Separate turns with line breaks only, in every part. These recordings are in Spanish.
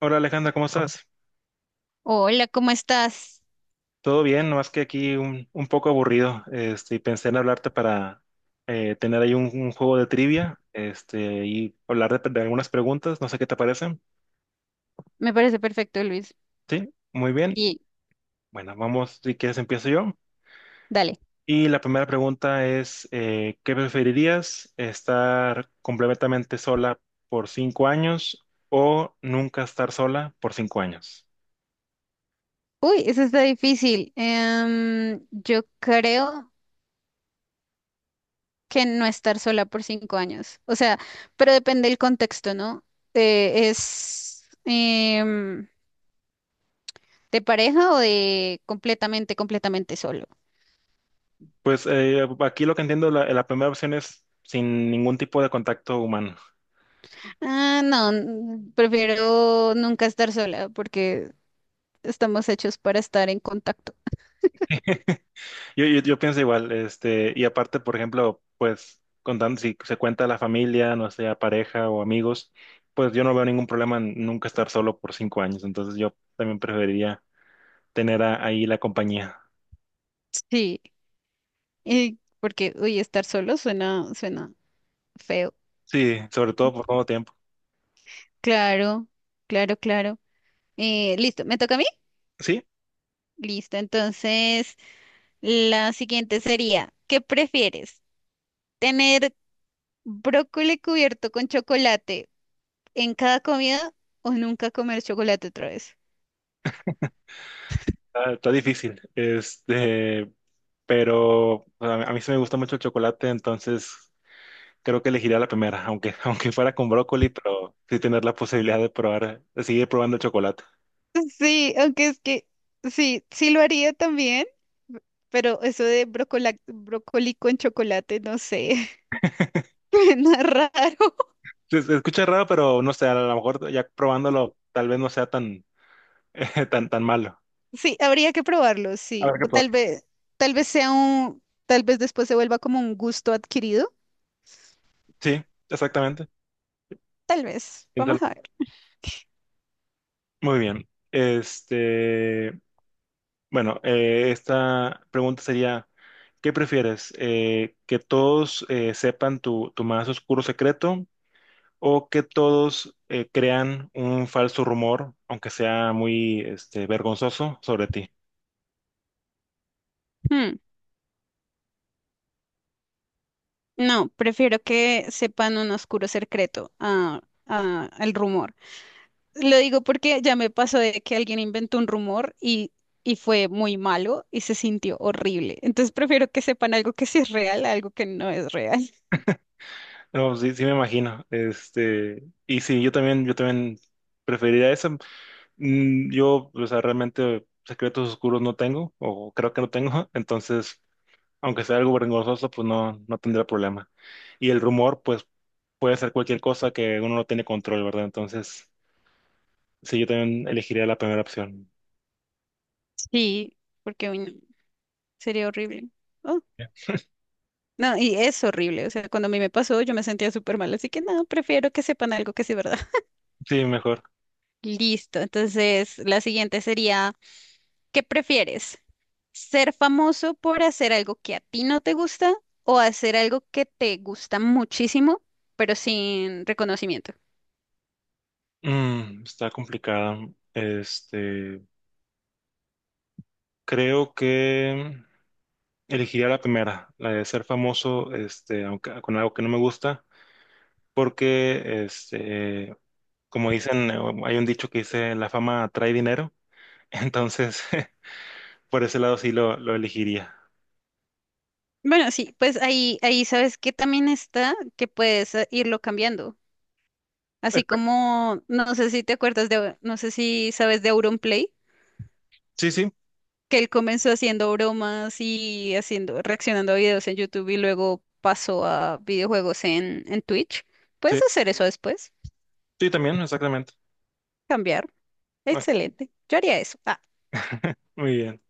Hola Alejandra, ¿cómo estás?
Hola, ¿cómo estás?
Todo bien, nomás que aquí un poco aburrido. Este, y pensé en hablarte para tener ahí un juego de trivia, este, y hablar de algunas preguntas. No sé qué te parecen.
Me parece perfecto, Luis.
Sí, muy bien.
Y
Bueno, vamos, si quieres empiezo yo.
dale.
Y la primera pregunta es, ¿qué preferirías? ¿Estar completamente sola por 5 años o nunca estar sola por 5 años?
Uy, eso está difícil. Yo creo que no estar sola por 5 años. O sea, pero depende del contexto, ¿no? ¿Es de pareja o de completamente, completamente solo?
Pues aquí lo que entiendo, la primera opción es sin ningún tipo de contacto humano.
Ah, no, prefiero nunca estar sola porque estamos hechos para estar en contacto.
Yo pienso igual, este, y aparte, por ejemplo, pues contando si se cuenta la familia, no sea pareja o amigos, pues yo no veo ningún problema en nunca estar solo por 5 años, entonces yo también preferiría tener ahí la compañía.
Sí, y porque, uy, estar solo suena, suena feo.
Sí, sobre todo por todo tiempo.
Claro, claro, claro. Listo, ¿me toca a mí?
Sí,
Listo, entonces la siguiente sería, ¿qué prefieres? ¿Tener brócoli cubierto con chocolate en cada comida o nunca comer chocolate otra vez?
está difícil, este, pero a mí sí me gusta mucho el chocolate, entonces creo que elegiría la primera, aunque fuera con brócoli, pero sí tener la posibilidad de probar, de seguir probando el chocolate.
Sí, aunque es que sí, sí lo haría también, pero eso de brócoli con chocolate, no sé, suena raro.
Se escucha raro, pero no sé, a lo mejor ya probándolo tal vez no sea tan, tan malo.
Sí, habría que probarlo,
A
sí.
ver qué
O
probar.
tal vez sea un, tal vez después se vuelva como un gusto adquirido.
Sí, exactamente.
Tal vez.
Piénsalo.
Vamos a ver.
Muy bien. Este, bueno, esta pregunta sería, ¿qué prefieres? ¿Que todos sepan tu más oscuro secreto o que todos crean un falso rumor, aunque sea muy este, vergonzoso, sobre ti?
Hmm, No, prefiero que sepan un oscuro secreto a, al rumor. Lo digo porque ya me pasó de que alguien inventó un rumor y fue muy malo y se sintió horrible. Entonces prefiero que sepan algo que sí es real, a algo que no es real.
No, sí, sí me imagino. Este, y sí, yo también preferiría eso. Yo, o sea, realmente secretos oscuros no tengo, o creo que no tengo, entonces, aunque sea algo vergonzoso, pues no tendría problema. Y el rumor, pues puede ser cualquier cosa que uno no tiene control, ¿verdad? Entonces, sí, yo también elegiría la primera opción.
Sí, porque uy, no, sería horrible. No, y es horrible. O sea, cuando a mí me pasó, yo me sentía súper mal. Así que no, prefiero que sepan algo que sí, ¿verdad?
Sí, mejor.
Listo. Entonces, la siguiente sería, ¿qué prefieres? ¿Ser famoso por hacer algo que a ti no te gusta o hacer algo que te gusta muchísimo, pero sin reconocimiento?
Está complicada. Este, creo que elegiría la primera, la de ser famoso, este, aunque con algo que no me gusta, porque este como dicen, hay un dicho que dice, la fama trae dinero, entonces por ese lado sí lo elegiría.
Bueno, sí, pues ahí sabes que también está que puedes irlo cambiando. Así
Perfecto.
como, no sé si te acuerdas de, no sé si sabes de Auronplay.
Sí, sí,
Que él comenzó haciendo bromas y reaccionando a videos en YouTube y luego pasó a videojuegos en Twitch.
sí,
Puedes hacer eso después,
sí, también, exactamente.
cambiar.
Ah,
Excelente. Yo haría eso. Ah,
muy bien.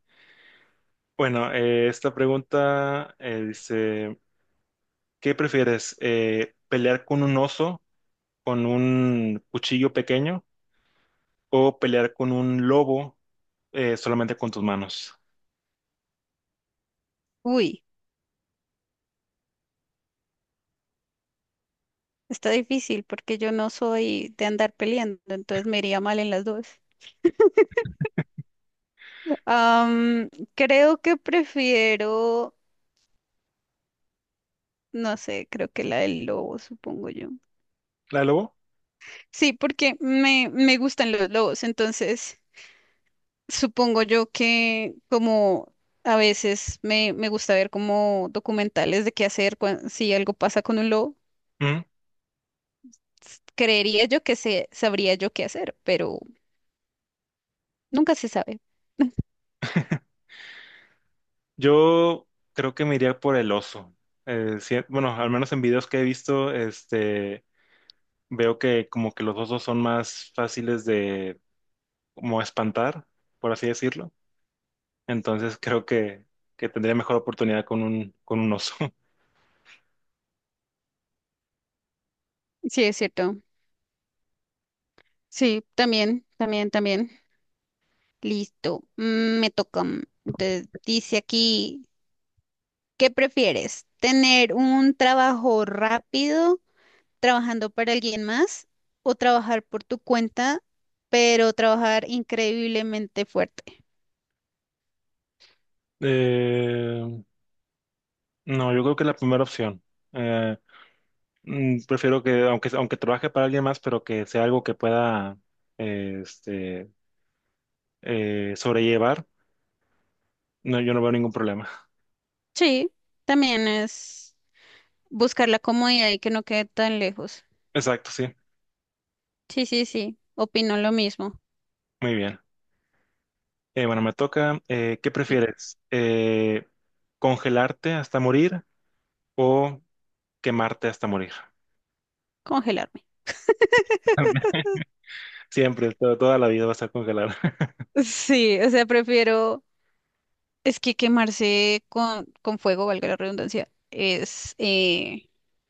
Bueno, esta pregunta dice, ¿qué prefieres? ¿Pelear con un oso con un cuchillo pequeño o pelear con un lobo solamente con tus manos?
uy, está difícil porque yo no soy de andar peleando, entonces me iría mal en las dos. Am, creo que prefiero, no sé, creo que la del lobo, supongo yo.
¿La del lobo?
Sí, porque me gustan los lobos, entonces supongo yo que como a veces me gusta ver como documentales de qué hacer si algo pasa con un lobo,
Mm.
creería yo que sabría yo qué hacer, pero nunca se sabe.
Yo creo que me iría por el oso. Sí, bueno, al menos en videos que he visto, veo que como que los osos son más fáciles de como espantar, por así decirlo. Entonces creo que tendría mejor oportunidad con un oso.
Sí, es cierto. Sí, también, también, también. Listo. Me toca. Mm. Entonces, dice aquí, ¿qué prefieres? ¿Tener un trabajo rápido trabajando para alguien más o trabajar por tu cuenta, pero trabajar increíblemente fuerte?
Eh, no, yo creo que es la primera opción. Eh, Prefiero que, aunque trabaje para alguien más, pero que sea algo que pueda este, sobrellevar, no, yo no veo ningún problema.
Sí, también es buscar la comodidad y que no quede tan lejos.
Exacto, sí.
Sí, sí, sí, opino lo mismo.
Muy bien. Bueno, me toca. ¿Qué
Y
prefieres? ¿Congelarte hasta morir? O quemarte hasta morir.
congelarme.
Siempre, toda la vida vas a congelar.
Sí, o sea, prefiero, es que quemarse con fuego, valga la redundancia,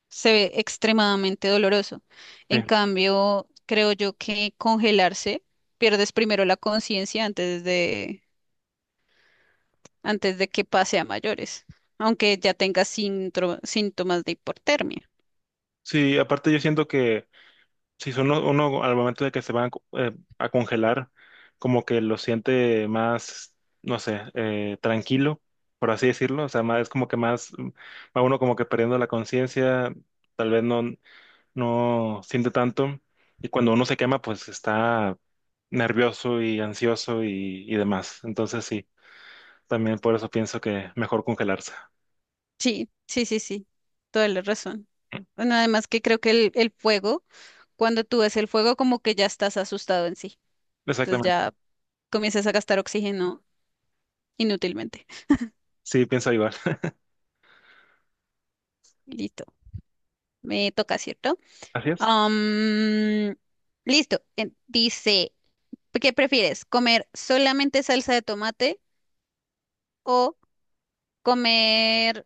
se ve extremadamente doloroso.
Sí,
En cambio, creo yo que congelarse, pierdes primero la conciencia antes de que pase a mayores, aunque ya tenga síntomas de hipotermia.
sí, aparte yo siento que si son uno al momento de que se van a congelar, como que lo siente más, no sé, tranquilo, por así decirlo. O sea, más, es como que más, va uno como que perdiendo la conciencia, tal vez no, no siente tanto. Y cuando uno se quema, pues está nervioso y ansioso y demás. Entonces sí, también por eso pienso que mejor congelarse.
Sí, sí, sí, sí, toda la razón. Bueno, además que creo que el fuego, cuando tú ves el fuego, como que ya estás asustado en sí. Entonces
Exactamente.
ya comienzas a gastar oxígeno inútilmente.
Sí, pienso igual.
Listo. Me toca, ¿cierto?
Así es.
Am, listo. Dice, ¿qué prefieres? ¿Comer solamente salsa de tomate o comer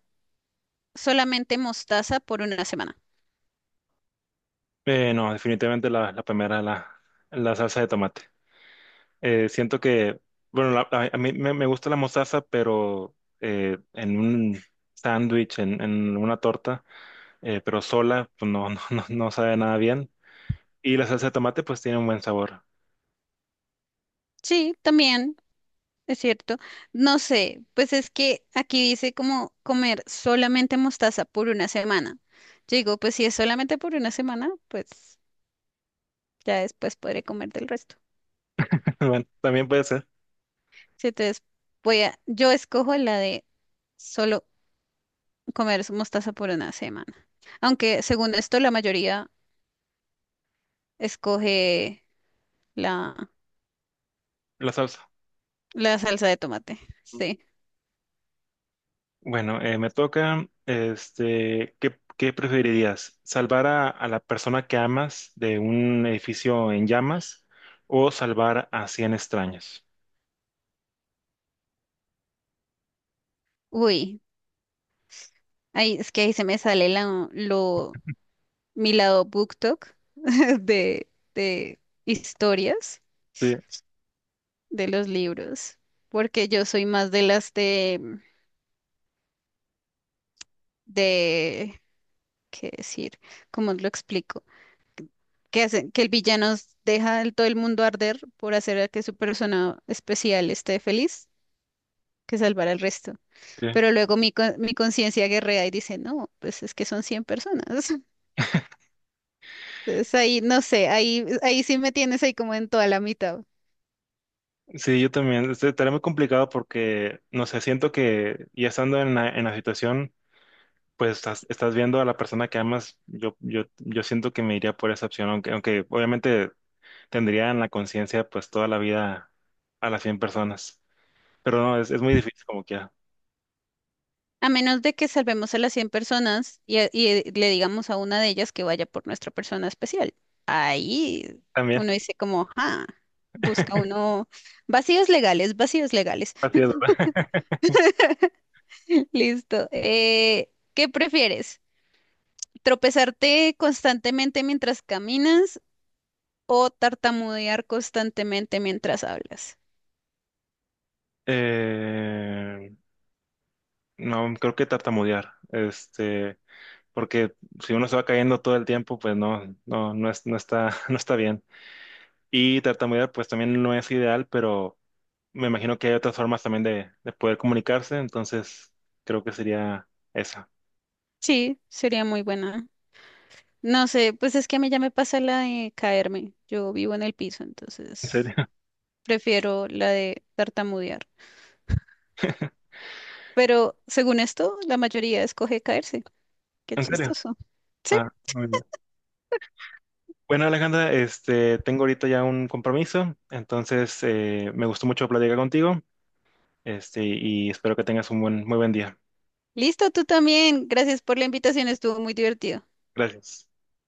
solamente mostaza por una semana?
No, definitivamente la, la primera, la salsa de tomate. Siento que, bueno, a, a mí me gusta la mostaza, pero en un sándwich, en una torta, pero sola, pues no, no sabe nada bien. Y la salsa de tomate, pues tiene un buen sabor.
Sí, también, es cierto. No sé, pues es que aquí dice como comer solamente mostaza por una semana. Yo digo, pues si es solamente por una semana, pues ya después podré comer del resto.
Bueno, también puede ser
Sí, entonces yo escojo la de solo comer su mostaza por una semana. Aunque según esto, la mayoría escoge la,
la salsa.
la salsa de tomate. Sí.
Bueno, me toca, este, ¿qué preferirías? ¿Salvar a la persona que amas de un edificio en llamas o salvar a 100 extraños?
Uy, ahí es que ahí se me sale mi lado BookTok de, de historias
Sí,
de los libros, porque yo soy más de las de, ¿qué decir? ¿Cómo lo explico? Que el villano deja todo el mundo arder por hacer a que su persona especial esté feliz, que salvará al resto.
sí.
Pero luego mi conciencia guerrea y dice, no, pues es que son 100 personas. Entonces ahí, no sé, ahí sí me tienes ahí como en toda la mitad.
Sí, yo también. Este, estaría muy complicado porque, no sé, siento que ya estando en la situación, pues estás viendo a la persona que amas, yo siento que me iría por esa opción, aunque obviamente tendría en la conciencia pues toda la vida a las 100 personas, pero no, es muy difícil como quiera.
A menos de que salvemos a las 100 personas y, le digamos a una de ellas que vaya por nuestra persona especial. Ahí
También.
uno dice como, ah, busca uno vacíos legales, vacíos legales.
Así es, ¿verdad?
Listo. ¿Qué prefieres? ¿Tropezarte constantemente mientras caminas o tartamudear constantemente mientras hablas?
Eh, no, creo que tartamudear, este, porque si uno se va cayendo todo el tiempo, pues no es, no está, no está bien. Y tartamudear, pues también no es ideal, pero me imagino que hay otras formas también de poder comunicarse, entonces creo que sería esa.
Sí, sería muy buena. No sé, pues es que a mí ya me pasa la de caerme. Yo vivo en el piso,
¿En
entonces
serio?
prefiero la de tartamudear. Pero según esto, la mayoría escoge caerse. Qué
¿En serio?
chistoso. Sí,
Ah, muy bien. Bueno, Alejandra, este, tengo ahorita ya un compromiso, entonces me gustó mucho platicar contigo, este, y espero que tengas un buen, muy buen día.
listo, tú también. Gracias por la invitación, estuvo muy divertido.
Gracias.